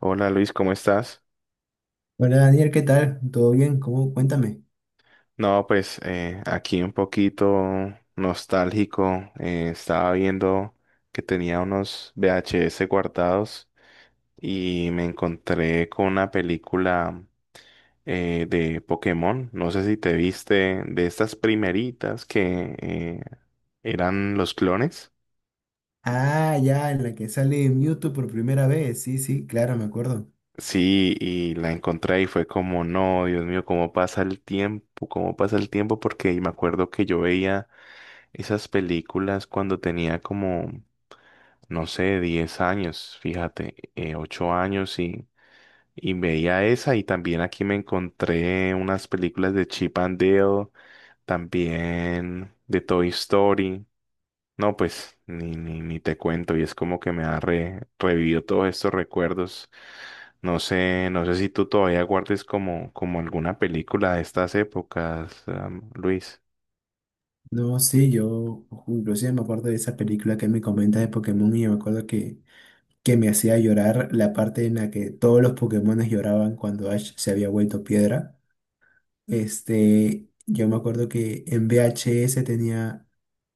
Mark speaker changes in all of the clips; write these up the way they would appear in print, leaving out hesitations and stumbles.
Speaker 1: Hola Luis, ¿cómo estás?
Speaker 2: Hola Daniel, ¿qué tal? ¿Todo bien? ¿Cómo? Cuéntame.
Speaker 1: No, pues aquí un poquito nostálgico. Estaba viendo que tenía unos VHS guardados y me encontré con una película de Pokémon. No sé si te viste de estas primeritas que eran los clones.
Speaker 2: Ah, ya, en la que sale Mewtwo por primera vez. Sí, sí, claro, me acuerdo.
Speaker 1: Sí, y la encontré y fue como, no, Dios mío, cómo pasa el tiempo, cómo pasa el tiempo, porque me acuerdo que yo veía esas películas cuando tenía como, no sé, 10 años, fíjate, 8 años y veía esa y también aquí me encontré unas películas de Chip and Dale, también de Toy Story. No, pues ni te cuento, y es como que me ha revivido todos estos recuerdos. No sé si tú todavía guardes como, como alguna película de estas épocas, Luis.
Speaker 2: No, sí, yo inclusive me acuerdo de esa película que me comentas de Pokémon y yo me acuerdo que me hacía llorar la parte en la que todos los Pokémones lloraban cuando Ash se había vuelto piedra. Este, yo me acuerdo que en VHS tenía.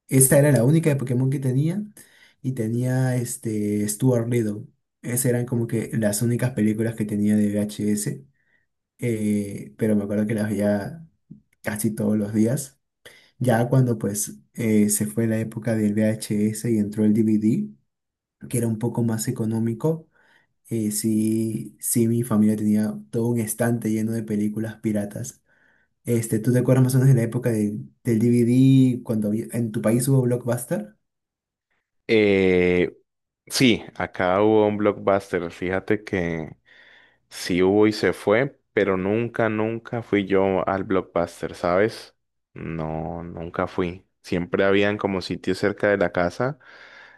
Speaker 2: Esta era la única de Pokémon que tenía, y tenía este Stuart Little. Esas eran como que las únicas películas que tenía de VHS, pero me acuerdo que las veía casi todos los días. Ya cuando pues se fue la época del VHS y entró el DVD, que era un poco más económico, sí, sí, mi familia tenía todo un estante lleno de películas piratas. Este, ¿tú te acuerdas más o menos de la época del DVD cuando había- en tu país hubo Blockbuster?
Speaker 1: Eh, Sí, acá hubo un Blockbuster. Fíjate que sí hubo y se fue, pero nunca, nunca fui yo al Blockbuster, ¿sabes? No, nunca fui. Siempre habían como sitios cerca de la casa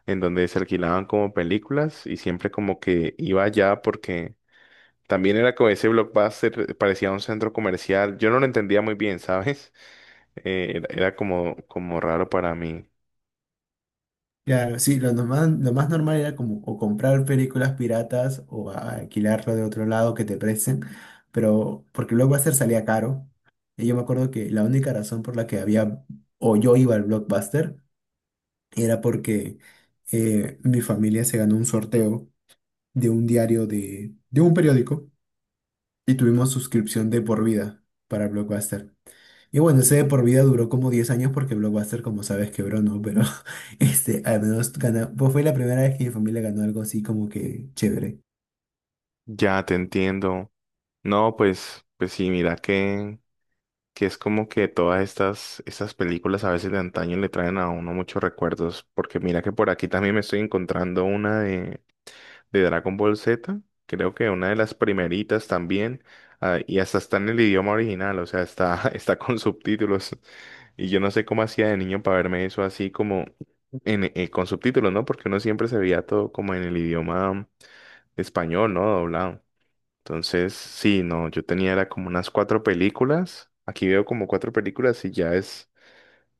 Speaker 1: en donde se alquilaban como películas y siempre como que iba allá porque también era como ese Blockbuster, parecía un centro comercial. Yo no lo entendía muy bien, ¿sabes? Era como, como raro para mí.
Speaker 2: Claro, sí, lo nomás- lo más normal era como o comprar películas piratas o a- alquilarlo de otro lado que te presten, pero porque luego hacer salía caro. Y yo me acuerdo que la única razón por la que había, o yo iba al Blockbuster, era porque mi familia se ganó un sorteo de un diario de un periódico, y tuvimos suscripción de por vida para Blockbuster. Y bueno, ese de por vida duró como 10 años porque Blockbuster, como sabes, quebró, ¿no? Pero este, al menos ganó, pues fue la primera vez que mi familia ganó algo así como que chévere.
Speaker 1: Ya te entiendo. No, pues, pues sí, mira que. Que es como que todas estas películas a veces de antaño le traen a uno muchos recuerdos, porque mira que por aquí también me estoy encontrando una de Dragon Ball Z, creo que una de las primeritas también, ah, y hasta está en el idioma original, o sea, está, está con subtítulos, y yo no sé cómo hacía de niño para verme eso así como en, con subtítulos, ¿no? Porque uno siempre se veía todo como en el idioma español, ¿no? Doblado. Entonces, sí, no, yo tenía era como unas 4 películas. Aquí veo como 4 películas y ya es,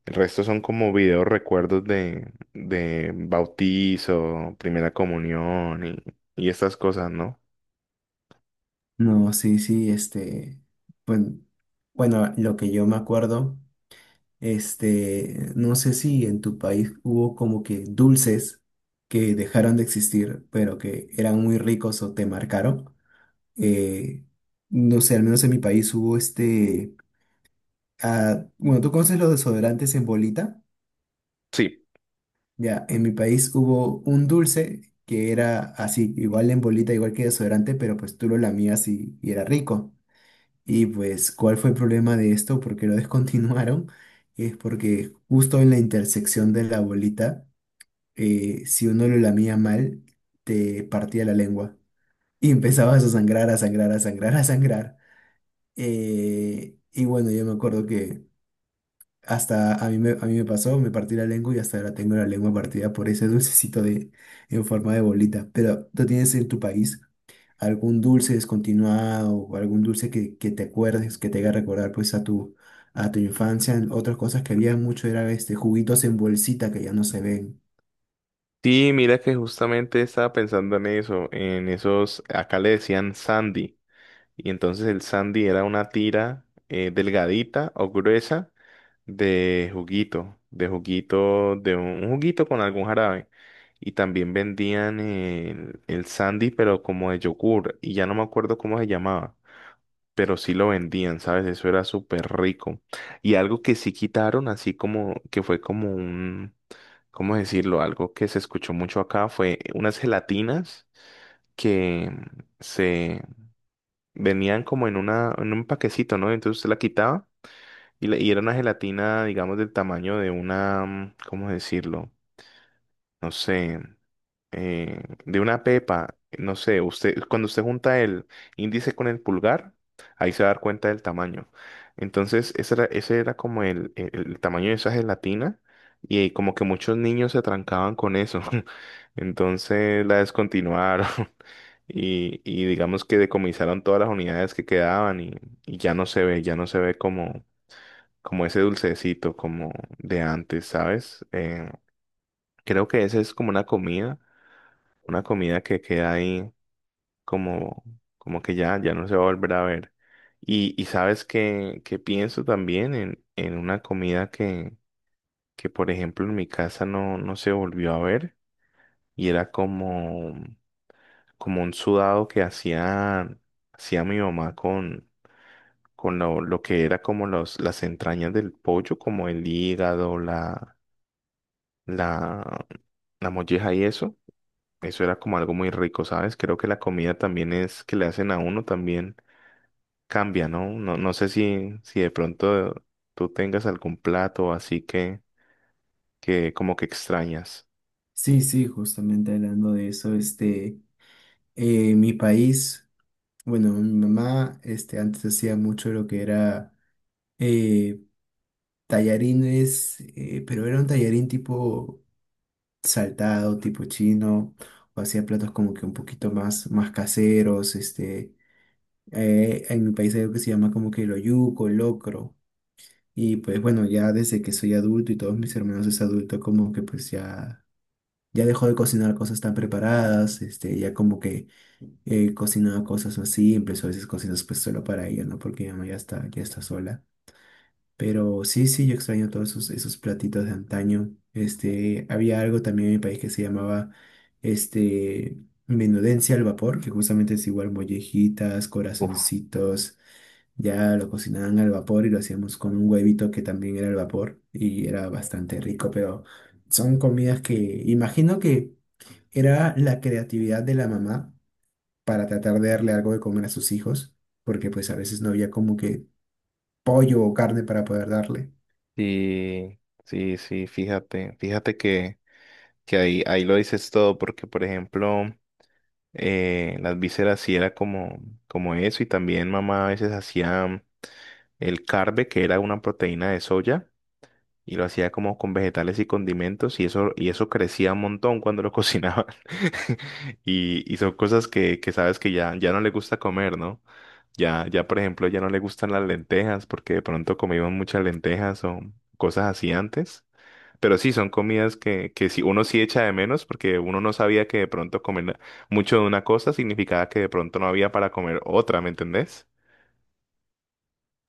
Speaker 1: el resto son como videos recuerdos de bautizo, primera comunión y estas cosas, ¿no?
Speaker 2: No, sí, sí, este, bueno, bueno, lo que yo me acuerdo, este, no sé si en tu país hubo como que dulces que dejaron de existir, pero que eran muy ricos o te marcaron. Eh, no sé, al menos en mi país hubo este, ah, bueno, ¿tú conoces los desodorantes en bolita?
Speaker 1: Sí.
Speaker 2: Ya, en mi país hubo un dulce que era así, igual en bolita, igual que desodorante, pero pues tú lo lamías y era rico. Y pues, ¿cuál fue el problema de esto? Porque lo descontinuaron? Es porque justo en la intersección de la bolita, si uno lo lamía mal, te partía la lengua. Y empezabas a sangrar, a sangrar, a sangrar, a sangrar. Y bueno, yo me acuerdo que hasta a mí me pasó, me partí la lengua y hasta ahora tengo la lengua partida por ese dulcecito de, en forma de bolita. Pero ¿tú tienes en tu país algún dulce descontinuado o algún dulce que te acuerdes, que te haga recordar pues a tu infancia? Otras cosas que había mucho era este juguitos en bolsita que ya no se ven.
Speaker 1: Sí, mira que justamente estaba pensando en eso, en esos, acá le decían Sandy. Y entonces el sandy era una tira delgadita o gruesa de juguito, de juguito, de un juguito con algún jarabe. Y también vendían el sandy, pero como de yogur. Y ya no me acuerdo cómo se llamaba. Pero sí lo vendían, ¿sabes? Eso era súper rico. Y algo que sí quitaron, así como que fue como un, ¿cómo decirlo? Algo que se escuchó mucho acá fue unas gelatinas que se venían como en una, en un paquecito, ¿no? Entonces usted la quitaba y, y era una gelatina, digamos, del tamaño de una, ¿cómo decirlo? No sé, de una pepa. No sé, usted, cuando usted junta el índice con el pulgar, ahí se va a dar cuenta del tamaño. Entonces, ese era como el, el tamaño de esa gelatina y como que muchos niños se trancaban con eso. Entonces la descontinuaron y digamos que decomisaron todas las unidades que quedaban y ya no se ve, ya no se ve como, como ese dulcecito como de antes, ¿sabes? Creo que esa es como una comida que queda ahí como, como que ya, ya no se va a volver a ver. Y sabes que pienso también en una comida que, por ejemplo, en mi casa no, no se volvió a ver y era como, como un sudado que hacía mi mamá con, lo que era como los, las entrañas del pollo, como el hígado, la, la molleja y eso. Eso era como algo muy rico, ¿sabes? Creo que la comida también es que le hacen a uno también cambia, ¿no? No, no sé si de pronto tú tengas algún plato así que como que extrañas.
Speaker 2: Sí, sí, justamente hablando de eso, este, mi país, bueno, mi mamá, este, antes hacía mucho lo que era... tallarines, pero era un tallarín tipo saltado, tipo chino, o hacía platos como que un poquito más, más caseros, este, en mi país hay algo que se llama como que el oyuco, el locro, y pues bueno, ya desde que soy adulto y todos mis hermanos es adulto, como que pues ya, ya dejó de cocinar cosas tan preparadas, este, ya como que cocinaba cosas así, empezó a veces cocinas pues solo para ella, ¿no? Porque mi mamá ya está sola. Pero sí, sí, yo extraño todos esos, esos platitos de antaño. Este, había algo también en mi país que se llamaba este, menudencia al vapor, que justamente es igual mollejitas,
Speaker 1: Uf.
Speaker 2: corazoncitos. Ya lo cocinaban al vapor y lo hacíamos con un huevito que también era al vapor y era bastante rico, pero son comidas que imagino que era la creatividad de la mamá para tratar de darle algo de comer a sus hijos, porque pues a veces no había como que pollo o carne para poder darle.
Speaker 1: Sí, sí, sí, fíjate, fíjate que ahí, ahí lo dices todo, porque por ejemplo, las vísceras sí era como, como eso, y también mamá a veces hacía el carbe, que era una proteína de soya, y lo hacía como con vegetales y condimentos y eso crecía un montón cuando lo cocinaban y son cosas que sabes que ya, ya no le gusta comer, ¿no? Ya, ya por ejemplo ya no le gustan las lentejas porque de pronto comíamos muchas lentejas o cosas así antes, pero sí, son comidas que sí, uno sí echa de menos porque uno no sabía que de pronto comer mucho de una cosa significaba que de pronto no había para comer otra, ¿me entendés?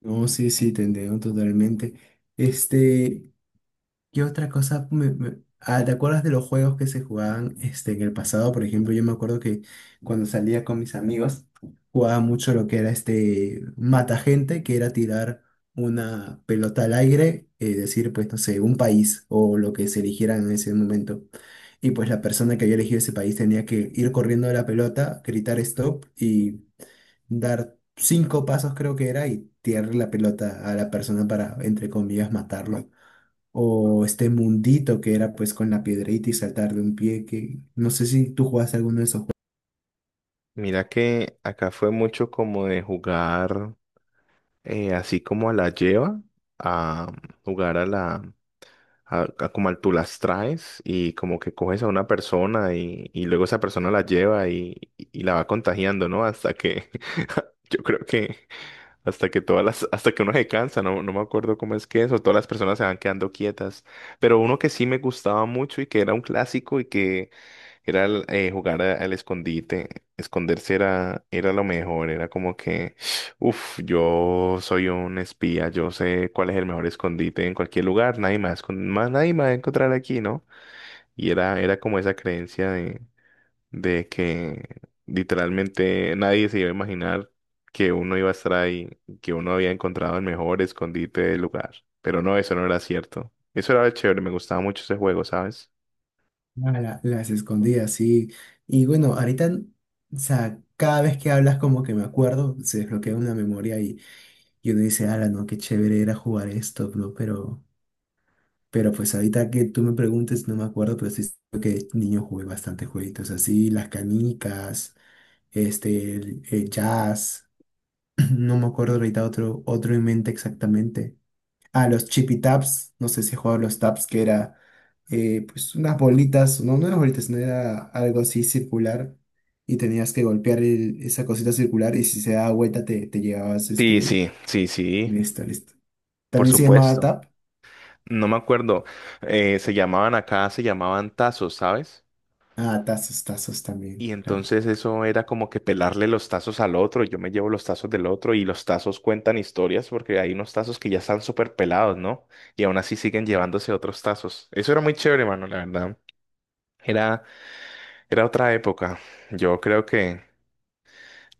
Speaker 2: No, sí, sí, te entiendo totalmente. Este, ¿qué otra cosa me- me- ah, te acuerdas de los juegos que se jugaban este, ¿en el pasado? Por ejemplo, yo me acuerdo que cuando salía con mis amigos, jugaba mucho lo que era este mata gente, que era tirar una pelota al aire, decir, pues, no sé, un país o lo que se eligiera en ese momento. Y pues la persona que había elegido ese país tenía que ir corriendo a la pelota, gritar stop, dar cinco pasos creo que era y tirarle la pelota a la persona para, entre comillas, matarlo. O este mundito que era pues con la piedrita y saltar de un pie, que no sé si tú jugaste alguno de esos juegos.
Speaker 1: Mira que acá fue mucho como de jugar así como a la lleva, a jugar a a como al tú las traes, y como que coges a una persona y luego esa persona la lleva y la va contagiando, ¿no? Hasta que yo creo que hasta que hasta que uno se cansa, no, no me acuerdo cómo es que eso, todas las personas se van quedando quietas. Pero uno que sí me gustaba mucho y que era un clásico y que era el, jugar al escondite, esconderse era lo mejor, era como que, uff, yo soy un espía, yo sé cuál es el mejor escondite en cualquier lugar, nadie más, más nadie me va a encontrar aquí, ¿no? Y era como esa creencia de que literalmente nadie se iba a imaginar que uno iba a estar ahí, que uno había encontrado el mejor escondite del lugar. Pero no, eso no era cierto. Eso era chévere, me gustaba mucho ese juego, ¿sabes?
Speaker 2: Ah, la- las escondidas, sí. Y bueno, ahorita, o sea, cada vez que hablas como que me acuerdo, se desbloquea una memoria y uno dice, ala, no, qué chévere era jugar esto, bro, pero... Pero pues ahorita que tú me preguntes, no me acuerdo, pero sí creo que niño jugué bastante jueguitos así, las canicas, este, el jazz, no me acuerdo ahorita otro, otro en mente exactamente. Ah, los chippy taps, no sé si he jugado a los taps, que era pues unas bolitas, no, no eran bolitas, no era algo así circular y tenías que golpear el- esa cosita circular y si se daba vuelta te, te llevabas
Speaker 1: Sí,
Speaker 2: este,
Speaker 1: sí, sí, sí,
Speaker 2: listo, listo.
Speaker 1: por
Speaker 2: También se llamaba
Speaker 1: supuesto.
Speaker 2: tap.
Speaker 1: No me acuerdo, se llamaban acá, se llamaban tazos, ¿sabes?
Speaker 2: Ah, tazos, tazos
Speaker 1: Y
Speaker 2: también, claro.
Speaker 1: entonces eso era como que pelarle los tazos al otro, yo me llevo los tazos del otro, y los tazos cuentan historias porque hay unos tazos que ya están súper pelados, ¿no? Y aún así siguen llevándose otros tazos. Eso era muy chévere, mano, la verdad. Era, era otra época. Yo creo que,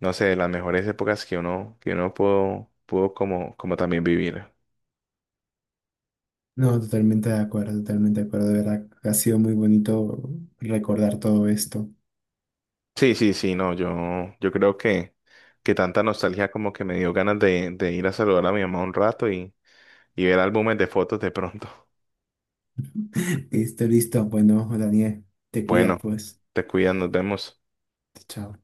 Speaker 1: no sé, de las mejores épocas que uno pudo, pudo como, como también vivir.
Speaker 2: No, totalmente de acuerdo, de verdad. Ha sido muy bonito recordar todo esto.
Speaker 1: Sí, sí, sí, no, yo creo que tanta nostalgia como que me dio ganas de ir a saludar a mi mamá un rato y ver álbumes de fotos de pronto.
Speaker 2: Listo, listo. Bueno, Daniel, te cuidas
Speaker 1: Bueno,
Speaker 2: pues.
Speaker 1: te cuidas, nos vemos.
Speaker 2: Chao.